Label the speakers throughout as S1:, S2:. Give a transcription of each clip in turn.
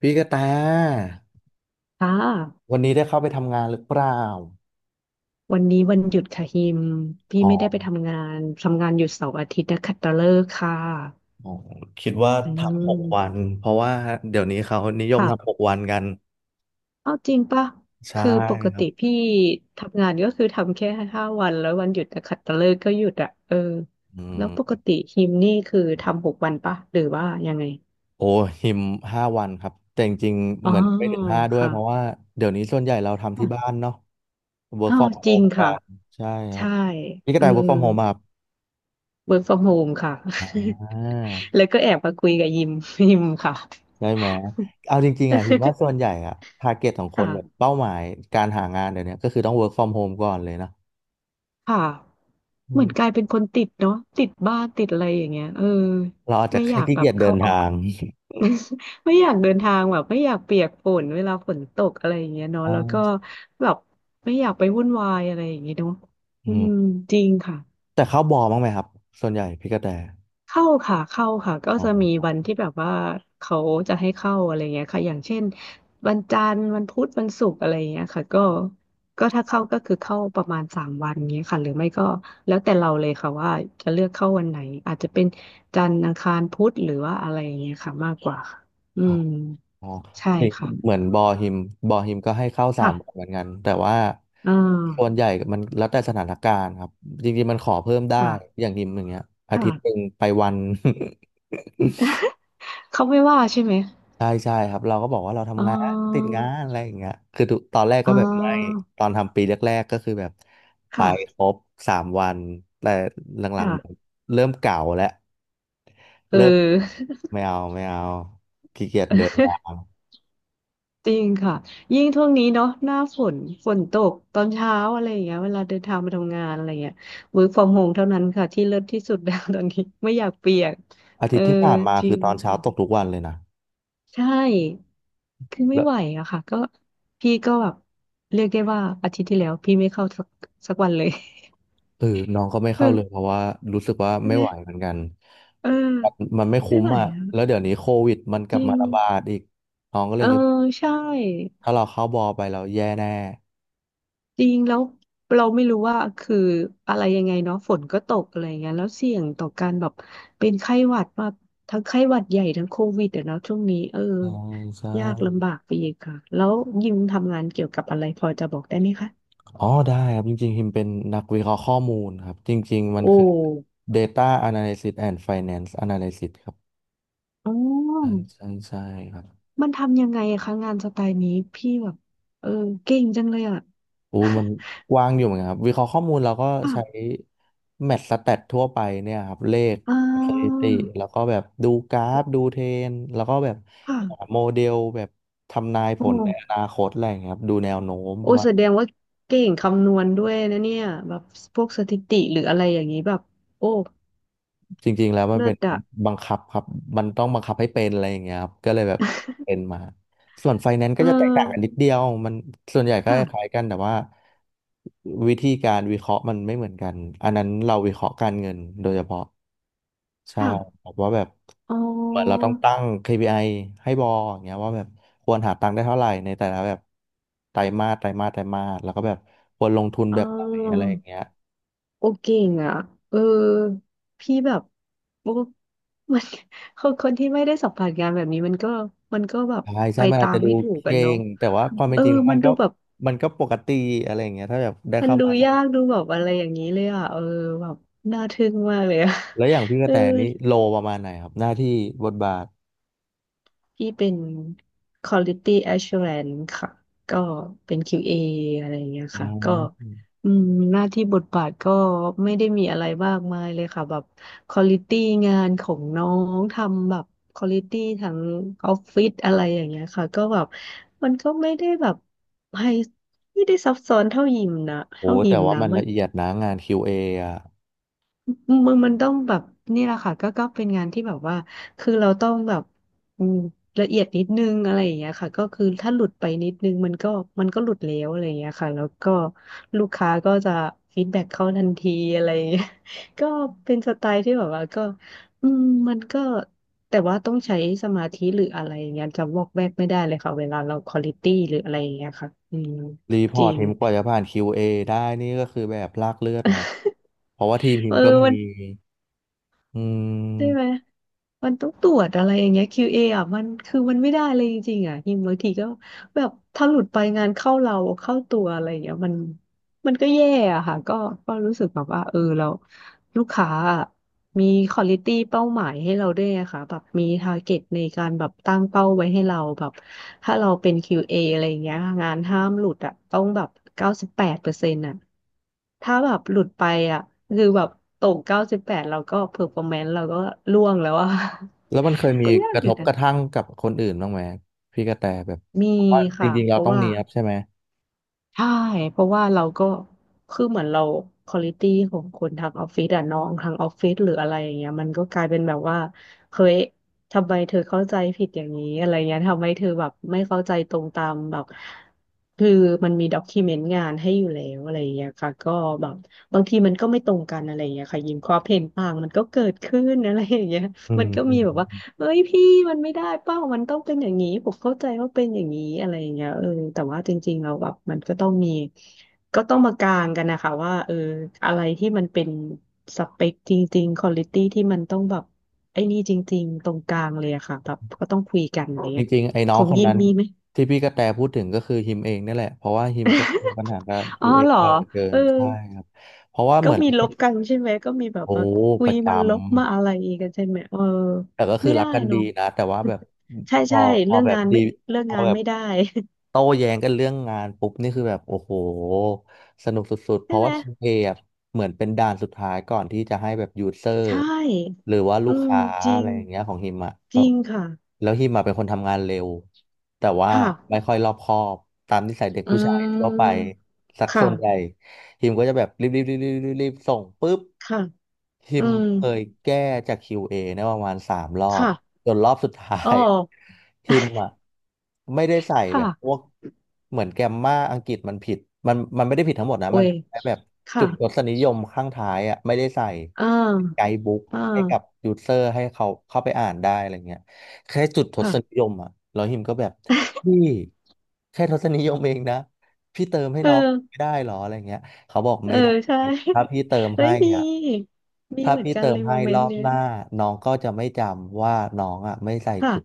S1: พี่กระแต
S2: ค่ะ
S1: วันนี้ได้เข้าไปทำงานหรือเปล่า
S2: วันนี้วันหยุดค่ะฮิมพี่
S1: อ๋อ
S2: ไม่ได้ไปทำงานหยุดเสาร์อาทิตย์นะขัดตฤกษ์ค่ะ
S1: อ๋อคิดว่า
S2: อื
S1: ทำหกวั
S2: ม
S1: นเพราะว่าเดี๋ยวนี้เขานิยมทำห
S2: ค่ะ
S1: กวันกัน
S2: เอาจริงปะ
S1: ใช่
S2: คือปก
S1: ครั
S2: ติ
S1: บ
S2: พี่ทำงานก็คือทำแค่ห้าวันแล้ววันหยุดนะขัดตฤกษ์ก็หยุดอ่ะเออ
S1: อื
S2: แล้
S1: ม
S2: วปกติฮิมนี่คือทำหกวันปะหรือว่ายังไง
S1: โอ้หิม5 วันครับแต่จริงๆ
S2: อ๋อ
S1: เหมือนไม่ถึงห้าด้วย
S2: ค่ะ
S1: เพราะว่าเดี๋ยวนี้ส่วนใหญ่เราทำที่
S2: ค่ะ
S1: บ้านเนาะ work
S2: อ๋อ
S1: from
S2: จริง
S1: home กั
S2: ค่ะ
S1: นใช่ครั
S2: ใช่
S1: บพี่กระ
S2: เอื
S1: แต work
S2: ม
S1: from home ป่ะครับ
S2: work from home ค่ะ
S1: อ่า
S2: แล้วก็แอบมาคุยกับยิม ยิมค่ะ
S1: ได้ไหมเอาจริงๆอ่ะหิมว่า ส่วนใหญ่อ่ะทาร์เก็ตของคนแบบ
S2: ค่ะ
S1: เป้าหมายการหางานเดี๋ยวนี้ก็คือต้อง work from home ก่อนเลยนะ
S2: ค่ะเหมือนกลายเป็นคนติดเนาะติดบ้านติดอะไรอย่างเงี้ยเออ
S1: เราอาจจะ
S2: ไม่อ
S1: แค่
S2: ยาก
S1: ขี้
S2: แบ
S1: เกี
S2: บ
S1: ยจเดิ
S2: เข้า
S1: น
S2: ออฟ
S1: ทาง
S2: ไม่อยากเดินทางแบบไม่อยากเปียกฝนเวลาฝนตกอะไรอย่างเงี้ย เนาะ
S1: อ่า
S2: แล้วก็แบบไม่อยากไปวุ่นวายอะไรอย่างเงี้ยเนาะ
S1: อื
S2: อืม
S1: ม
S2: จริงค่ะ
S1: แต่เข้าบอบ้างไหมครับ ส่วนใหญ่พี่กระแต
S2: เข้าค่ะเข้าค่ะก็
S1: อ๋
S2: จะมี
S1: อ
S2: วันที่แบบว่าเขาจะให้เข้าอะไรเงี้ยค่ะอย่างเช่นวันจันทร์วันพุธวันศุกร์อะไรเงี้ยค่ะก็ก็ถ้าเข้าก็คือเข้าประมาณสามวันเงี้ยค่ะหรือไม่ก็แล้วแต่เราเลยค่ะว่าจะเลือกเข้าวันไหนอาจจะเป็นจันทร์อังคารพุธหรือว่าอะไรอย่างเงี้ยค่ะมากกว่าค่ะอื
S1: อ๋อ
S2: ม
S1: อ๋อ
S2: ใช่
S1: อย่าง
S2: ค่ะ
S1: เหมือนบอฮิมบอฮิมก็ให้เข้า 3 วันเห
S2: ค่ะ
S1: มือนกัน แต่ว่า
S2: อ่า
S1: ส่วนใหญ่มันแล้วแต่สถานการณ์ครับ จริงๆมันขอเพิ่มได้
S2: ค่ะ
S1: อย่างฮิมอย่างเงี้ยอาทิตย์หนึ่ง
S2: ค่ะ
S1: ไปวัน
S2: เขาไม่ว่าใช่ไหม
S1: ใช่ใช่ครับเราก็บอกว่าเรา
S2: อ๋
S1: ทำงานติด
S2: อ
S1: งานอะไรอย่างเงี้ยคือทุกตอนแรก
S2: อ๋
S1: ก็แบบไม่
S2: อ
S1: ตอนทำปีแรกๆก็คือแบบไป
S2: ค่ะ
S1: ครบ 3 วัน แต่หลังๆเหมือน
S2: ค่ะ
S1: เริ่มเก่าแล้ว
S2: เอ
S1: เริ่ม
S2: อ
S1: ไม่เอาไม่เอาขี้เกียจเดินทาง
S2: จริงค่ะยิ่งช่วงนี้เนาะหน้าฝนฝนตกตอนเช้าอะไรอย่างเงี้ยเวลาเดินทางมาทำงานอะไรเงี้ย work from home เท่านั้นค่ะที่เลิศที่สุด แล้ว ตอนนี้ไม่อยากเปียก
S1: อา
S2: เอ
S1: ทิต
S2: อ
S1: ย์ที่ผ่านมา
S2: จริ
S1: คือ
S2: ง
S1: ตอนเช้าตก
S2: ค่ะ
S1: ทุกวันเลยนะ
S2: ใช่คือไม่
S1: แล้ว
S2: ไหวอะค่ะก็พี่ก็แบบเรียกได้ว่าอาทิตย์ที่แล้วพี่ไม่เข้าสักวันเลย
S1: เออน้องก็ไม่ เข้าเลย
S2: เออ
S1: เพราะว่ารู้สึกว่า
S2: ใช่
S1: ไม่
S2: ไหม
S1: ไหวเหมือนกัน
S2: เออ
S1: มันมันไม่
S2: ไม่
S1: คุ้ม
S2: ไหว
S1: อ่ะ
S2: อะ
S1: แล้วเดี๋ยวนี้โควิดมันก
S2: จ
S1: ลับ
S2: ริ
S1: มา
S2: ง
S1: ระบาดอีก น้องก็เล
S2: เอ
S1: ย
S2: อ
S1: คิดว่า
S2: ใช่
S1: ถ้าเราเข้าบอไปเราแย่แน่
S2: จริงแล้วเราไม่รู้ว่าคืออะไรยังไงเนาะฝนก็ตกอะไรอย่างเงี้ยแล้วเสี่ยงต่อการแบบเป็นไข้หวัดมากทั้งไข้หวัดใหญ่ทั้งโควิดอะเนาะช่วงนี้เอ
S1: อ๋อใช่
S2: อยากลำบากไปอีกค่ะแล้วยิมทำงานเกี่ยวกับอะไรพอจะบอกได้ไหมคะ
S1: อ๋อได้ครับจริงๆฮิมเป็นนักวิเคราะห์ข้อมูลครับจริงๆ มั
S2: โอ
S1: นคือ
S2: ้
S1: Data Analysis and Finance Analysis ครับ
S2: อ๋
S1: ใช่
S2: อ
S1: ใช่ใช่ครับ
S2: มันทำยังไงอะคะงานสไตล์นี้พี่แบบเออเก่งจังเลยอะ
S1: อู้ยมันกว้างอยู่เหมือนกันครับวิเคราะห์ข้อมูลเราก็ ใช้
S2: ค่ะ
S1: แมทสแตททั่วไปเนี่ยครับเลข
S2: อ่
S1: สถิ
S2: า
S1: ติแล้วก็แบบดูกราฟดูเทรนด์แล้วก็แบบหา
S2: ค่ะ
S1: โมเดลแบบทำนาย
S2: โอ
S1: ผลในอ
S2: ้
S1: นาคตอะไรอย่างเงี้ยครับดูแนวโน้มป
S2: โอ้
S1: ระ
S2: ย
S1: มาณ
S2: แสดงว่าเก่งคำนวณด้วยนะเนี่ยแบบพวกสถิติหรืออะไรอย่างนี้แบบโอ้
S1: จริงๆแล้วมัน
S2: เลิ
S1: เป็
S2: ศ
S1: น
S2: อะ
S1: บังคับครับ มันต้องบังคับให้เป็นอะไรอย่างเงี้ยครับ ก็เลยแบบเป็นมา ส่วนไฟแนนซ์ก็
S2: เอ
S1: จะแตกต่างกันนิ
S2: อ
S1: ดเดียว มันส่วนใหญ่ก็ค
S2: ค่ะ
S1: ล้ายกันแต่ว่าวิธีการวิเคราะห์มันไม่เหมือนกัน อันนั้นเราวิเคราะห์การเงินโดยเฉพาะใช่
S2: ค่ะ
S1: แบบว่าแบบ
S2: อ๋
S1: เหมือนเราต้
S2: อ
S1: องตั้ง KPI ให้บออย่างเงี้ยว่าแบบควรหาตังค์ได้เท่าไหร่ในแต่ละแบบไตรมาสไตรมาสไตรมาสแล้วก็แบบควรลงทุน
S2: เ
S1: แบบไหนอะ
S2: ออ
S1: ไรอย่างเงี้ย
S2: โอเก่งอะเออพี่แบบโอ้มัน คนที่ไม่ได้สัมผัสงานแบบนี้มันก็แบบ
S1: ใช่
S2: ไป
S1: ใช่มัน
S2: ตา
S1: อาจ
S2: ม
S1: จะดู
S2: ไม่ถูกกัน
S1: เก่
S2: เนาะ
S1: งแต่ว่าความเป็
S2: เอ
S1: น
S2: อ
S1: จริงแล้ว
S2: มั
S1: มั
S2: น
S1: นก็
S2: ดูแบบ
S1: มันก็ปกติอะไรอย่างเงี้ยถ้าแบบได้
S2: มัน
S1: เข้า
S2: ดู
S1: มาสัม
S2: ยา
S1: ผั
S2: กดู
S1: ส
S2: แบบอะไรอย่างนี้เลยอะเออแบบน่าทึ่งมากเลยอะ
S1: แล้วอย่างพี่ก
S2: เอ
S1: ระ
S2: อ
S1: แตนี้โลประมาณไหนครับหน้าที่บทบาท
S2: พี่เป็น Quality Assurance ค่ะก็เป็น QA ออะไรอย่างเงี้ย
S1: น
S2: ค่ะก็
S1: ะ
S2: อืมหน้าที่บทบาทก็ไม่ได้มีอะไรมากมายเลยค่ะแบบ Quality งานของน้องทำแบบ Quality ทั้งออฟฟิศอะไรอย่างเงี้ยค่ะก็แบบมันก็ไม่ได้แบบไฮไม่ได้ซับซ้อน
S1: โอ้
S2: เท่ายิ
S1: แต่
S2: ม
S1: ว่า
S2: นะ
S1: มันละเอียดนะงาน QA ออะ
S2: มันต้องแบบนี่แหละค่ะก็ก็เป็นงานที่แบบว่าคือเราต้องแบบอืมละเอียดนิดนึงอะไรอย่างเงี้ยค่ะก็คือถ้าหลุดไปนิดนึงมันก็หลุดแล้วอะไรอย่างเงี้ยค่ะแล้วก็ลูกค้าก็จะฟีดแบ็กเข้าทันทีอะไรอย่างเงี้ย ก็เป็นสไตล์ที่แบบว่าก็อืมมันก็แต่ว่าต้องใช้สมาธิหรืออะไรอย่างเงี้ยจะวอกแวกไม่ได้เลยค่ะเวลาเราควอลิตี้หรืออะไรอย่างเงี้ยค่ะอืม
S1: รีพ
S2: จ
S1: อร์
S2: ริ
S1: ต
S2: ง
S1: ทีมกว่าจะผ่าน QA ได้นี่ก็คือแบบลากเลือดนะเพราะว่าทีมพิ
S2: เอ
S1: ม
S2: อ
S1: พ์ก็มี
S2: มัน
S1: อื
S2: ใช่ไหม
S1: ม
S2: มันต้องตรวจอะไรอย่างเงี้ย QA ออ่ะ มันคือมันไม่ได้เลยจริงๆ อ่ะฮิมบางทีก็แบบ ถ้าหลุดไปงานเข้าเรา เข้าตัวอะไรอย่างเงี้ยมัน มันก็แย่อะค่ะก็ก็รู้สึกแบบว่าเออเราลูกค้าอะมีควอลิตี้เป้าหมายให้เราด้วยอะค่ะแบบมีทาร์เก็ตในการแบบตั้งเป้าไว้ให้เราแบบถ้าเราเป็น QA ออะไรอย่างเงี้ยงานห้ามหลุดอะต้องแบบ98%อะถ้าแบบหลุดไปอะคือแบบตกเก้าสิบแปดเราก็เพอร์ฟอร์แมนซ์เราก็ร่วงแล้วอะ
S1: แล้วมันเคย มี
S2: ก็ยา
S1: ก
S2: ก
S1: ระ
S2: อ
S1: ท
S2: ยู่
S1: บ
S2: นะ
S1: กระทั่งกับคนอื่นบ้างไหมพี่กระแตแบบ
S2: มี
S1: เพราะว่าจ
S2: ค่ะ
S1: ริงๆ
S2: เพ
S1: เรา
S2: ราะ
S1: ต้อง
S2: ว่า
S1: เนียบใช่ไหม
S2: ใช่เพราะว่าเราก็คือเหมือนเราควอลิตี้ของคนทางออฟฟิศอะน้องทางออฟฟิศหรืออะไรอย่างเงี้ยมันก็กลายเป็นแบบว่าเฮ้ยทำไมเธอเข้าใจผิดอย่างนี้อะไรเงี้ยทำไมเธอแบบไม่เข้าใจตรงตามแบบคือมันมีด็อกิเมนต์งานให้อยู่แล้วอะไรอย่างเงี้ยค่ะก็แบบบางทีมันก็ไม่ตรงกันอะไรอย่างเงี้ยค่ะยิมความเห็นต่างมันก็เกิดขึ้นอะไรอย่างเงี้ย
S1: อื
S2: มั
S1: ม
S2: นก็
S1: อื
S2: มี
S1: ม
S2: แบบว่า เฮ้ยพี่มันไม่ได้เป้ามันต้องเป็นอย่างนี้ผมเข้าใจว่าเป็นอย่างนี้อะไรอย่างเงี้ยเออแต่ว่าจริงๆเราแล้วแบบมันก็ต้องมีก็ต้องมากลางกันนะคะว่าเอออะไรที่มันเป็นสเปคจริงๆควอลิตี้ที่มันต้องแบบไอ้นี่จริงๆตรงกลางเลยอะค่ะแบบก็ต้องคุยกันอะไร
S1: จ
S2: เงี้ย
S1: ริงๆ ไอ้น้
S2: ข
S1: อง
S2: อง
S1: คน
S2: ยิน
S1: นั้น
S2: มีไหม
S1: ที่พี่กระแตพูดถึงก็คือฮิมเองนี่แหละ เพราะว่าฮิมก็เจอปัญหากับ
S2: อ๋
S1: ตั
S2: อ
S1: วเอง
S2: เหรอ
S1: บ่อยเหลือเกิ
S2: เอ
S1: น
S2: อ
S1: ใช่ครับ เพราะว่าเห
S2: ก็
S1: มือน
S2: มี
S1: เรา
S2: ล
S1: เป็น
S2: บกันใช่ไหมก็มีแบบ
S1: โอ้
S2: ว่าคุ
S1: ป
S2: ย
S1: ระ
S2: มา
S1: จำ
S2: ลบมาอะไรกันใช่ไหมเออ
S1: แต่ก็คื
S2: ไม่
S1: อรั
S2: ได้
S1: กกัน
S2: เน
S1: ดี
S2: อะ
S1: นะแต่ว่าแบบ
S2: ใช่
S1: พอ
S2: ใช่
S1: พอ
S2: เรื่อง
S1: แบบ
S2: งาน
S1: ดี
S2: ไม่เรื่อง
S1: พอ
S2: งาน
S1: แบบ
S2: ไม่ได้
S1: โต้แย้งกันเรื่องงานปุ๊บนี่คือแบบโอ้โหสนุกสุดๆเพ
S2: ใช่
S1: ราะ
S2: ไหม
S1: ว่าคิวเออะเหมือนเป็นด่านสุดท้ายก่อนที่จะให้แบบยูเซอร์
S2: ใช่
S1: หรือว่าลู
S2: อื
S1: ก
S2: ม
S1: ค้า
S2: จริ
S1: อะไร
S2: ง
S1: อย่างเงี้ยของฮิมอะ
S2: จ
S1: ก็
S2: ริงค่ะ
S1: แล้วฮิมอะเป็นคนทำงานเร็วแต่ว่าไม่
S2: ค่ะ
S1: ค่อยรอบคอบตามนิสัยเด็ก
S2: อื
S1: ผู้ชายทั่วไป
S2: ม
S1: สัก
S2: ค่ะ
S1: ส่วนใหญ่ ทีมก็จะแบบรีบรีบรีบรีบรีบรีบส่งปุ๊บ
S2: ค่ะ
S1: ที
S2: อื
S1: ม
S2: ม
S1: เคยแก้จาก QA เอเนี่ยประมาณ 3 รอบ
S2: ค่ะ
S1: จนรอบสุดท้า
S2: อ๋อ
S1: ย ทีมอ่ะ ไม่ได้ใส่แบ
S2: ค่ะ
S1: บพวกเหมือนแกมมาอังกฤษมันผิดมันไม่ได้ผิดทั้งหมดนะ
S2: โอ้
S1: มัน
S2: ย
S1: ผิดแค่แบบ
S2: ค่ะ
S1: จุดรสนิยมข้างท้ายอ่ะไม่ได้ใส่
S2: อ่
S1: ไก
S2: า
S1: ด์บุ๊ก
S2: อ่
S1: ให้กับ
S2: า
S1: ยูเซอร์ให้เขาเข้าไปอ่านได้อะไรเงี้ยแค่จุดท
S2: ค่ะ
S1: ศนิยมอ่ะแล้วหิมก็แบบ พี่แค่ทศนิยมเองนะพี่เติมให้
S2: เอ
S1: น้องไม่
S2: อ
S1: ได้เหรออะไรเงี้ย เขาบอก
S2: เออ
S1: ไม่ได้
S2: ใช่
S1: ถ้าพี่เติม
S2: เฮ้
S1: ให้
S2: ยมี
S1: อ่ะ
S2: มี
S1: ถ้า
S2: เหมือน
S1: พี่
S2: กัน
S1: เติ
S2: เล
S1: ม
S2: ยโม
S1: ให้
S2: เม
S1: ร
S2: น
S1: อ
S2: ต์
S1: บ
S2: เนี้
S1: ห
S2: ย
S1: น้าน้องก็จะไม่จำว่าน้องอ่ะไม่ใส่
S2: ค่ะ
S1: จุด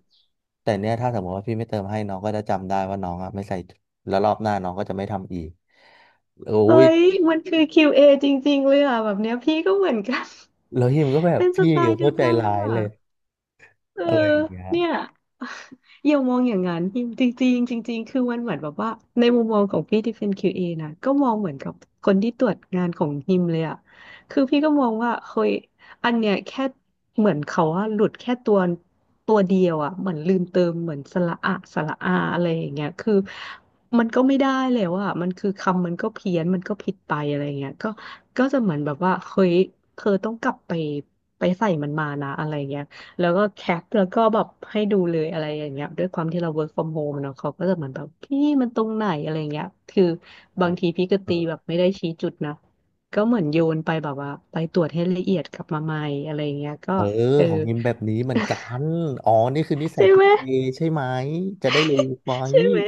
S1: แต่เนี้ยถ้าสมมติว่าพี่ไม่เติมให้น้องก็จะจำได้ว่าน้องอ่ะไม่ใส่จุดแล้วรอบหน้าน้องก็จะไม่ทำอีกโอ้
S2: เฮ้
S1: ย
S2: ยมันคือ q อจริงๆเลยอ่ะแบบเนี้ยพี่ก็เหมือนกัน
S1: แล้วฮิมก็แบ บ
S2: เป็นส
S1: พี่
S2: ไตล์
S1: โค
S2: เดียว
S1: ตรใจ
S2: กันเล
S1: ร้า
S2: ย
S1: ย
S2: อ่ะ
S1: เลย
S2: เออ
S1: อะไรอย่างเงี้ย
S2: เนี่ย อย่ามองอย่างนั้นจริงจริงจริงจริงๆคือมันเหมือนแบบว่าในมุมมองของพี่ที่เป็น QA นะก็มองเหมือนกับคนที่ตรวจงานของฮิมเลยอะคือพี่ก็มองว่าเฮ้ยอันเนี้ยแค่เหมือนเขาว่าหลุดแค่ตัวเดียวอะเหมือนลืมเติมเหมือนสระอะสระอาอะไรอย่างเงี้ยคือมันก็ไม่ได้แล้วอะมันคือคำมันก็เพี้ยนมันก็ผิดไปอะไรอย่างเงี้ยก็ก็จะเหมือนแบบว่าเฮ้ยเธอต้องกลับไปไปใส่มันมานะอะไรเงี้ย แล้วก็แคปแล้วก็แบบให้ดูเลยอะไรอย่างเงี้ยด้วยความที่เรา work from home เนาะเขาก็จะเหมือนแบบพี่มันตรงไหนอะไรเงี้ยคือ
S1: อื
S2: บาง
S1: ม
S2: ทีพี่ก็
S1: อื
S2: ตี
S1: ม
S2: แบบไม่ได้ชี้จุดนะก็เหมือนโยนไปแบบว่าไปตรวจให้ละเอียดกลับมาใหม่อะไรเงี้ยก็
S1: เออ
S2: เออ
S1: ของฮิมแบบนี้เหมือนกันอ๋อนี่คือนิสัย
S2: ใช่
S1: คิ
S2: ไห
S1: ด
S2: ม
S1: เองใช่ไหมจะได้รู้ไหม
S2: ใช่ไหม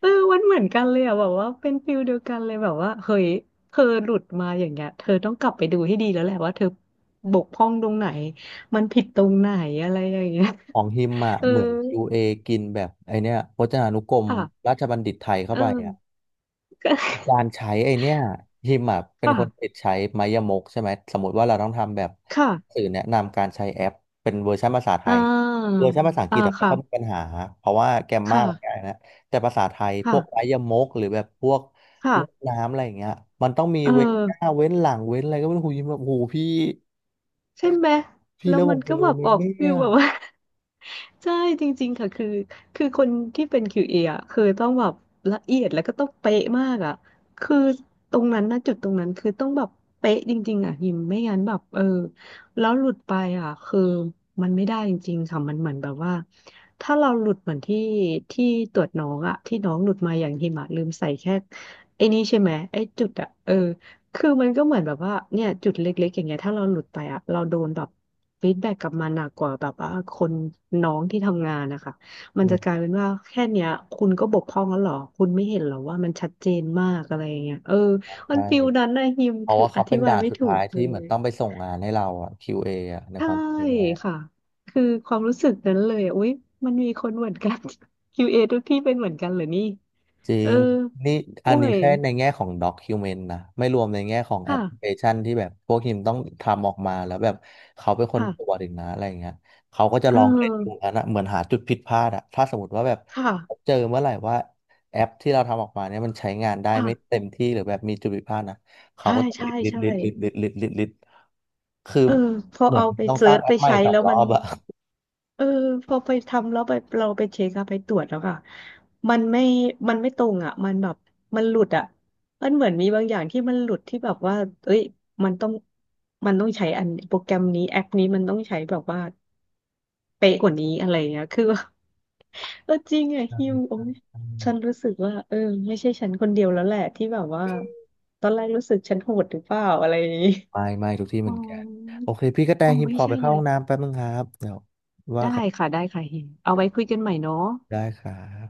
S2: เออมันเหมือนกันเลยอะแบบว่าเป็นฟิลเดียวกันเลยแบบว่าเฮ้ยเธอหลุดมาอย่างเงี้ยเธอต้องกลับไปดูให้ดีแล้วแหละว่าเธอบกพร่องตรงไหนมันผิดตรงไหนอะไรอย่างเงี้ย
S1: ของฮิมอ่ะ
S2: เออ
S1: เหมือน QA กินแบบไอเนี้ยพจนานุกรม
S2: ค่ะ
S1: ราชบัณฑิตไทยเข้า
S2: เอ
S1: ไปอ่ะ
S2: อก็
S1: มีการใช้ไอเนี้ยฮิมอ่ะเป็นคนติด
S2: ค่ะ
S1: ใช้ไมยมกใช่ไหมสมมติว่าเราต้องทำแบบ
S2: ค่ะ
S1: สื่อแนะนำการใช้แอปเป็นเวอร์ชันภาษาไท
S2: อ่
S1: ย
S2: า
S1: เวอร์ชันภาษาอังก
S2: อ่า
S1: ฤษอะไม่
S2: ค่ะ
S1: ค่อยมีปัญหาเพราะว่าแกรมมา
S2: ค่ะ
S1: มันง่ายนะแต่ภาษาไทยพวกไม
S2: ค่ะ
S1: ยมกหรือแบบพวก
S2: ค่ะ
S1: ลูกน้ำอะไรอย่างเงี้ยมันต้องมี
S2: เออ
S1: เว้นหน้าเว้นหลังเว้นอะไรก็ไม่รู้หูยิมแบบหูพี่
S2: ใช่ไหม
S1: พี่
S2: แล้ว
S1: แล้วผ
S2: มั
S1: ม
S2: น
S1: จะ
S2: ก็แบ
S1: รู้
S2: บ
S1: ไหม
S2: ออ
S1: เ
S2: กฟิ
S1: นี่
S2: ล
S1: ย
S2: แบบว่า ใช่จริงๆค่ะคือคือคนที่เป็น q เออ่ะคือต้องแบบละเอียดแล้วก็ต้องเป๊ะมากอ่ะคือตรงนั้นนะจุดตรงนั้นคือต้องแบบเป๊ะจริงๆอ่ะหิมไม่งั้นแบบเออแล้วหลุดไปอ่ะคือมันไม่ได้จริงๆค่ะมันเหมือนแบบว่าถ้าเราหลุดเหมือนที่ตรวจน้องอ่ะที่น้องหลุดมาอย่างหิมะลืมใส่แค่ไอ้นี่ใช่ไหมไอ้จุดอ่ะเออ คือมันก็เหมือนแบบว่าเนี่ยจุดเล็กๆอย่างเงี้ยถ้าเราหลุดไปอะเราโดนแบบฟีดแบ็กกลับมาหนักกว่าแบบว่าคนน้องที่ทำงานนะคะมั
S1: อื
S2: นจะก
S1: ม
S2: ลายเป็นว่าแค่เนี้ยคุณก็บกพร่องแล้วเหรอคุณไม่เห็นเหรอว่ามันชัดเจนมากอะไรอย่างเงี้ยเออมันฟิล
S1: ใช่
S2: นั้นนะฮิม
S1: เพราะ
S2: คือ
S1: ว่า
S2: อ
S1: เขาเป็
S2: ธิ
S1: น
S2: บาย
S1: ด่าน
S2: ไม่
S1: สุด
S2: ถู
S1: ท้า
S2: ก
S1: ย
S2: เล
S1: ที่เหมือน
S2: ย
S1: ต้องไปส่งงานให้เราอะ QA ออะใน
S2: ใช่
S1: ความจรองแล้ว
S2: ค่ะคือความรู้สึกนั้นเลยอุ๊ยมันมีคนเหมือนกัน คิวเ a ทุกที่เป็นเหมือนกันเหรอนี่
S1: จริ
S2: เออ
S1: งนี่อั
S2: โอ้
S1: นนี้
S2: ย
S1: แค่ในแง่ของ document นะไม่รวมในแง่ของแอ
S2: ค่ะ
S1: ปพลิเคชันที่แบบพวกทีมต้องทำออกมาแล้วแบบเขาเป็นคนตรว
S2: ค่ะ
S1: จอีกนะอะไรอย่างเงี้ยเขาก็จะ
S2: เ
S1: ลองเล่นดู
S2: ออ
S1: อันนะเหมือนหาจุดผิดพลาดอะถ้าสมมติว่าแบบ
S2: ค่ะ
S1: เจอเมื่อไหร่ว่าแอปที่เราทำออกมาเนี่ยมันใช้งานได้
S2: ค่ะ
S1: ไม่เต็มที่หรือแบบมีจุดผิดพลาดนะเขา
S2: ใช่
S1: ก็จะลิ
S2: ใช่
S1: ดลิด
S2: ใช่
S1: ลิดลิดลิดลิดลิดลิดคือ
S2: เออพอ
S1: เหมือน
S2: เอาไป
S1: ต้อง
S2: เซิ
S1: สร้าง
S2: ร์ช
S1: แอ
S2: ไป
S1: ปใหม่
S2: ใช้
S1: สอง
S2: แล้ว
S1: รอ
S2: มัน
S1: บอะ
S2: เออพอไปทำแล้วไปเราไปเช็คอะไปตรวจแล้วค่ะมันไม่ มันไม่ตรงอะมันแบบมันหลุดอะมันเหมือนมีบางอย่างที่มันหลุดที่แบบว่าเอ้ยมันต้อง มันต้องใช้อันโปรแกรมนี้แอปนี้มันต้องใช้แบบว่าเป๊ะกว่านี้อะไรเงี้ยคือว่าเออจริงอะฮิวโอ้ย
S1: อืม
S2: ฉันรู้สึกว่าเออไม่ใช่ฉันคนเดียวแล้วแหละที่แบบว่าตอนแรกรู้สึกฉันโหดหรือเปล่าอะไรอย่างงี้
S1: ไม่ทุกที่เห
S2: อ๋อ
S1: มือนกันโอเคพี่กระแต
S2: อ๋อ
S1: หิม
S2: ไม่
S1: ขอ
S2: ใช่
S1: ไปเข้า
S2: แล้
S1: ห้อง
S2: ว
S1: น้ำแป๊บนึงครับเดี๋ยวว่า
S2: ได้
S1: กัน
S2: ค่ะได้ค่ะเฮงเอาไว้คุยกันใหม่เนาะ
S1: ได้ครับ